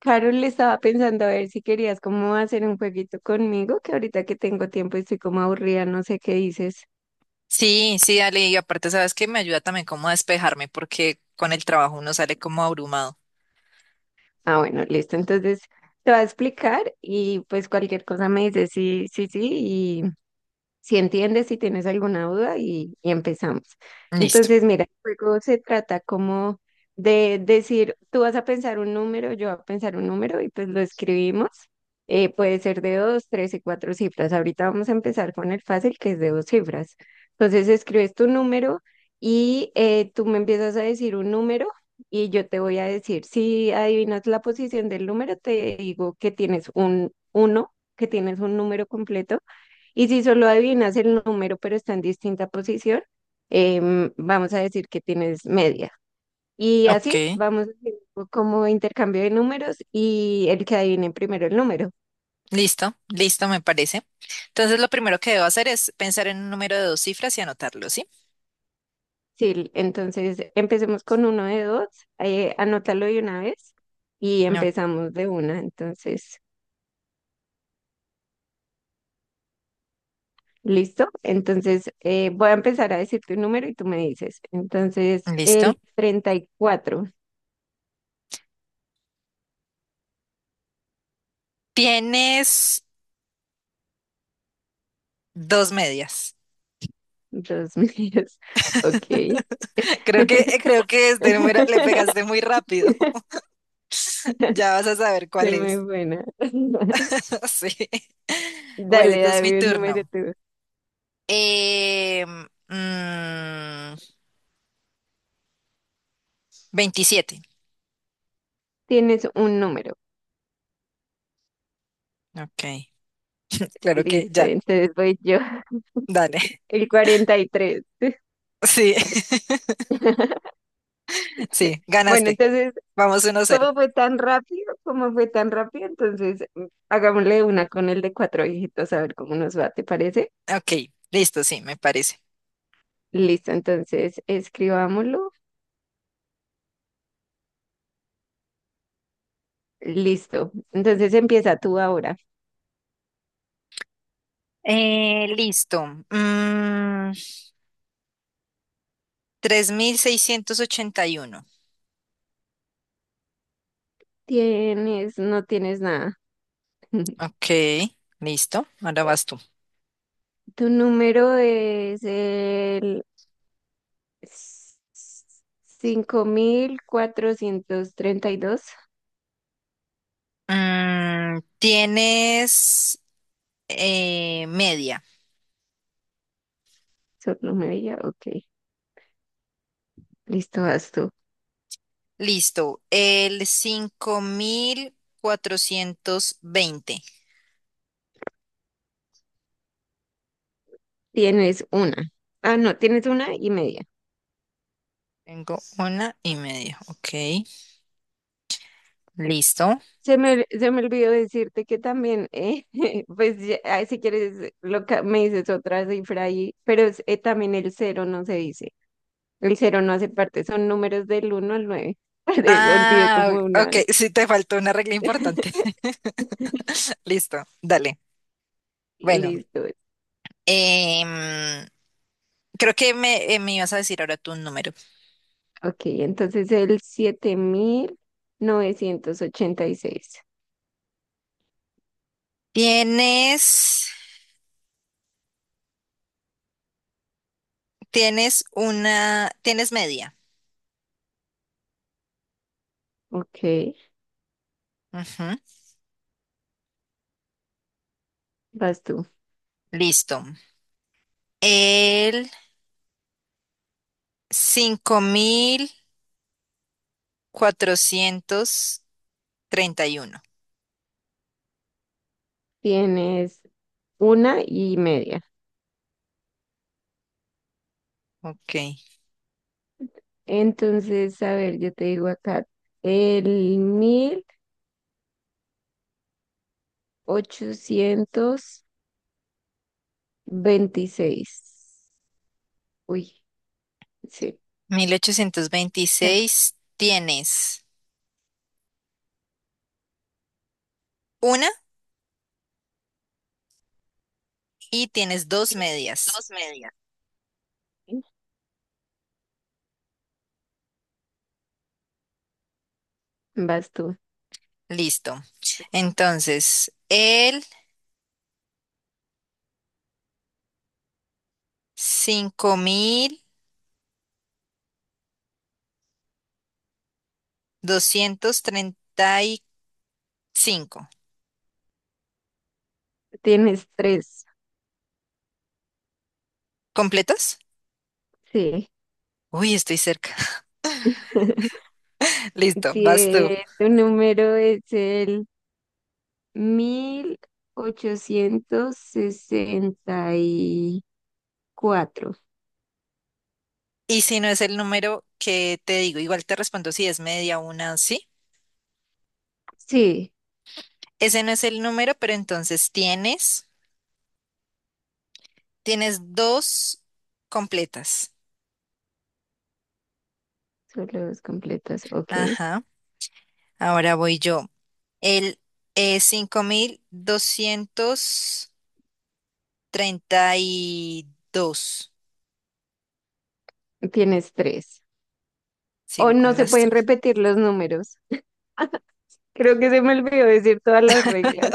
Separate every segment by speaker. Speaker 1: Carol, le estaba pensando a ver si querías como hacer un jueguito conmigo, que ahorita que tengo tiempo y estoy como aburrida, no sé qué dices.
Speaker 2: Sí, sí, dale. Y aparte, sabes que me ayuda también como a despejarme porque con el trabajo uno sale como abrumado.
Speaker 1: Ah, bueno, listo. Entonces te voy a explicar y pues cualquier cosa me dices sí, sí, sí si entiendes, si tienes alguna duda y empezamos.
Speaker 2: Listo.
Speaker 1: Entonces, mira, el juego se trata como de decir, tú vas a pensar un número, yo voy a pensar un número y pues lo escribimos. Puede ser de dos, tres y cuatro cifras. Ahorita vamos a empezar con el fácil, que es de dos cifras. Entonces, escribes tu número y tú me empiezas a decir un número y yo te voy a decir, si adivinas la posición del número, te digo que tienes un uno, que tienes un número completo y si solo adivinas el número, pero está en distinta posición, vamos a decir que tienes media. Y así
Speaker 2: Ok.
Speaker 1: vamos haciendo como intercambio de números y el que adivine primero el número.
Speaker 2: Listo, listo, me parece. Entonces, lo primero que debo hacer es pensar en un número de dos cifras y anotarlo, ¿sí?
Speaker 1: Sí, entonces empecemos con uno de dos, anótalo de una vez y
Speaker 2: No.
Speaker 1: empezamos de una. Entonces, ¿listo? Entonces, voy a empezar a decirte un número y tú me dices. Entonces,
Speaker 2: Listo.
Speaker 1: el 34.
Speaker 2: Tienes dos medias.
Speaker 1: Dos míos. Ok.
Speaker 2: Creo que este número le pegaste muy rápido. Ya vas a saber
Speaker 1: Soy
Speaker 2: cuál
Speaker 1: muy
Speaker 2: es.
Speaker 1: buena.
Speaker 2: Sí. Bueno,
Speaker 1: Dale,
Speaker 2: entonces mi
Speaker 1: dame un número
Speaker 2: turno.
Speaker 1: tú.
Speaker 2: Eh, mm, 27.
Speaker 1: Tienes un número.
Speaker 2: Ok. Claro que
Speaker 1: Listo,
Speaker 2: ya,
Speaker 1: entonces voy yo.
Speaker 2: dale.
Speaker 1: El 43.
Speaker 2: Sí, sí,
Speaker 1: Bueno,
Speaker 2: ganaste.
Speaker 1: entonces,
Speaker 2: Vamos 1-0.
Speaker 1: ¿cómo fue tan rápido? ¿Cómo fue tan rápido? Entonces, mm, hagámosle una con el de cuatro dígitos a ver cómo nos va, ¿te parece?
Speaker 2: Ok, listo, sí, me parece.
Speaker 1: Listo, entonces, escribámoslo. Listo. Entonces, empieza tú ahora.
Speaker 2: Listo. 3681.
Speaker 1: Tienes, no tienes nada.
Speaker 2: Ok, listo. Ahora vas tú.
Speaker 1: Tu número es el 5432.
Speaker 2: Tienes media.
Speaker 1: Solo media. Ok. Listo, vas tú.
Speaker 2: Listo. El 5420.
Speaker 1: Tienes una. Ah, no, tienes una y media.
Speaker 2: Tengo una y media. Ok, listo.
Speaker 1: Se me olvidó decirte que también, pues ya- ah, si quieres, lo, ca- me dices otra cifra ahí, pero es- también el cero no se dice. El cero no hace parte, son números del uno al nueve. Olvidé
Speaker 2: Ah,
Speaker 1: como
Speaker 2: ok,
Speaker 1: una.
Speaker 2: sí te faltó una regla importante. Listo, dale. Bueno,
Speaker 1: Listo.
Speaker 2: em, creo que me ibas a decir ahora tu número.
Speaker 1: Ok, entonces el 7986.
Speaker 2: Tienes, tienes una, tienes media.
Speaker 1: Ok,
Speaker 2: Ujú.
Speaker 1: vas tú.
Speaker 2: Listo. El 5431.
Speaker 1: Tienes una y media.
Speaker 2: Ok.
Speaker 1: Entonces, a ver, yo te digo acá, el 1826. Uy, sí,
Speaker 2: 1826. Tienes una y tienes dos medias.
Speaker 1: vas tú.
Speaker 2: Listo. Entonces, el 5235.
Speaker 1: Tienes tres.
Speaker 2: ¿Completos?
Speaker 1: Sí.
Speaker 2: Uy, estoy cerca. Listo, vas tú.
Speaker 1: Tu número es el 1860. Cuatro.
Speaker 2: Y si no es el número que te digo, igual te respondo si es media una, sí.
Speaker 1: Sí,
Speaker 2: Ese no es el número, pero entonces tienes dos completas.
Speaker 1: solo dos completas. Ok.
Speaker 2: Ajá. Ahora voy yo. El 5232.
Speaker 1: Tienes tres. O
Speaker 2: Sigo
Speaker 1: no
Speaker 2: con
Speaker 1: se
Speaker 2: las
Speaker 1: pueden
Speaker 2: tres.
Speaker 1: repetir los números. Creo que se me olvidó decir todas las reglas.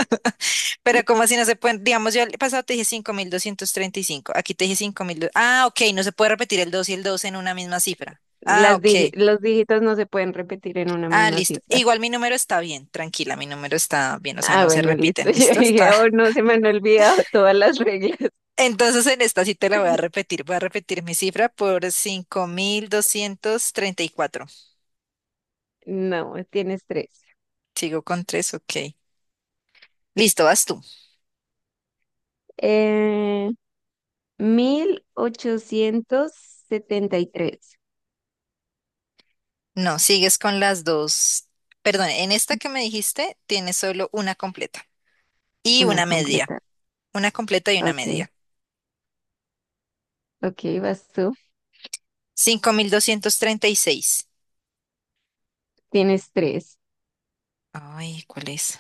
Speaker 2: Pero como así no se pueden, digamos, yo el pasado te dije 5235. Aquí te dije 5.000. Ah, ok, no se puede repetir el 2 y el 2 en una misma cifra. Ah,
Speaker 1: Las dije,
Speaker 2: ok.
Speaker 1: los dígitos no se pueden repetir en una
Speaker 2: Ah,
Speaker 1: misma
Speaker 2: listo.
Speaker 1: cifra.
Speaker 2: Igual mi número está bien, tranquila, mi número está bien, o sea,
Speaker 1: Ah,
Speaker 2: no se
Speaker 1: bueno, listo.
Speaker 2: repiten,
Speaker 1: Yo
Speaker 2: ¿listo? Está.
Speaker 1: dije, oh, no, se me han olvidado todas las reglas.
Speaker 2: Entonces en esta sí te la voy a repetir mi cifra por 5234.
Speaker 1: No, tienes tres.
Speaker 2: Sigo con 3, ok. Listo, vas tú.
Speaker 1: Eh, 1873.
Speaker 2: No, sigues con las dos. Perdón, en esta que me dijiste tienes solo una completa y
Speaker 1: Una
Speaker 2: una media.
Speaker 1: completa.
Speaker 2: Una completa y una
Speaker 1: Ok,
Speaker 2: media.
Speaker 1: ok, vas tú.
Speaker 2: 5236.
Speaker 1: Tienes tres.
Speaker 2: Ay, ¿cuál es?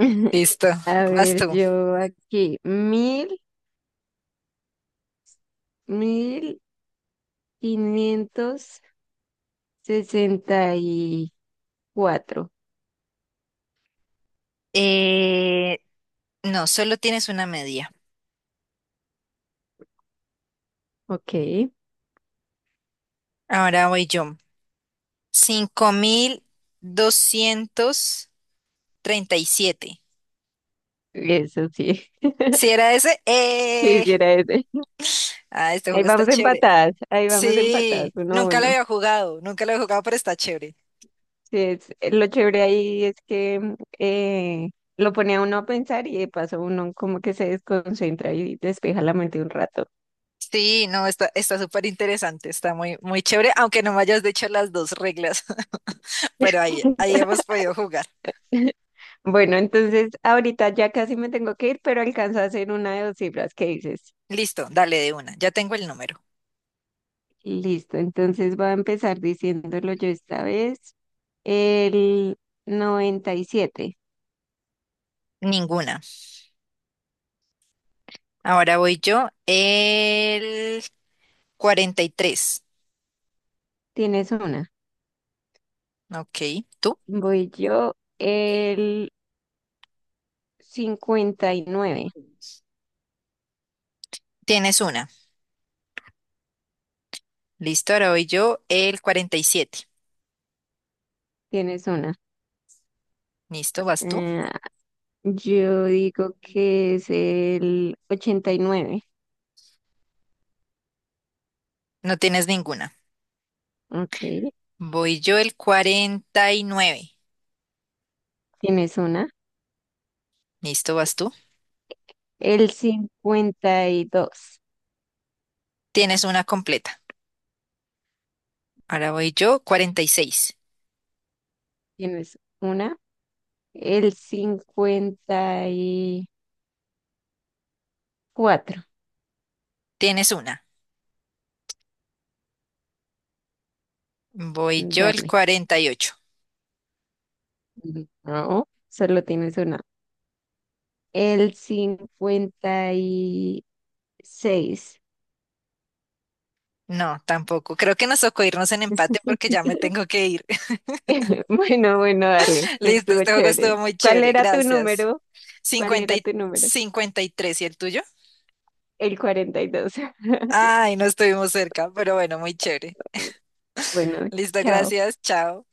Speaker 2: Listo,
Speaker 1: A
Speaker 2: vas
Speaker 1: ver,
Speaker 2: tú.
Speaker 1: yo aquí, 1564.
Speaker 2: Eh, no, solo tienes una media.
Speaker 1: Ok,
Speaker 2: Ahora voy yo. 5237.
Speaker 1: eso sí,
Speaker 2: ¿Si era ese? ¡Eh!
Speaker 1: quisiera ese.
Speaker 2: Ah, este juego está chévere.
Speaker 1: Ahí vamos empatadas,
Speaker 2: Sí,
Speaker 1: uno a
Speaker 2: nunca lo
Speaker 1: uno.
Speaker 2: había jugado, nunca lo he jugado, pero está chévere.
Speaker 1: Sí, es, lo chévere ahí es que mm, lo pone a uno a pensar y de paso uno como que se desconcentra y despeja la mente un rato.
Speaker 2: Sí, no, está súper interesante, está muy, muy chévere, aunque no me hayas dicho las dos reglas, pero ahí hemos podido jugar.
Speaker 1: Bueno, entonces ahorita ya casi me tengo que ir, pero alcanzo a hacer una de dos cifras, ¿qué dices?
Speaker 2: Listo, dale de una. Ya tengo el número.
Speaker 1: Listo, entonces voy a empezar diciéndolo yo esta vez. El 97.
Speaker 2: Ninguna. Ahora voy yo. El 43.
Speaker 1: Tienes una.
Speaker 2: Ok, tú.
Speaker 1: Voy yo,
Speaker 2: Eh,
Speaker 1: el 59.
Speaker 2: tienes una. Listo, ahora voy yo. El 47.
Speaker 1: Tienes una.
Speaker 2: Listo, vas tú.
Speaker 1: Eh, yo digo que es el 89.
Speaker 2: No tienes ninguna.
Speaker 1: Ok,
Speaker 2: Voy yo el 49.
Speaker 1: tienes una.
Speaker 2: Listo, vas tú.
Speaker 1: El 52.
Speaker 2: Tienes una completa. Ahora voy yo 46.
Speaker 1: Tienes una. El 54.
Speaker 2: Tienes una. Voy yo el
Speaker 1: Dale.
Speaker 2: 48.
Speaker 1: No, solo tienes una. El 56.
Speaker 2: No, tampoco. Creo que nos tocó irnos en empate porque ya me tengo que ir.
Speaker 1: Bueno, bueno, dale,
Speaker 2: Listo,
Speaker 1: estuvo
Speaker 2: este juego
Speaker 1: chévere.
Speaker 2: estuvo muy
Speaker 1: ¿Cuál
Speaker 2: chévere,
Speaker 1: era tu
Speaker 2: gracias.
Speaker 1: número? ¿Cuál
Speaker 2: 50
Speaker 1: era
Speaker 2: y
Speaker 1: tu número?
Speaker 2: cincuenta y tres, ¿y el tuyo?
Speaker 1: El 42.
Speaker 2: Ay, no estuvimos cerca, pero bueno, muy chévere.
Speaker 1: Bueno,
Speaker 2: Listo,
Speaker 1: chao.
Speaker 2: gracias, chao.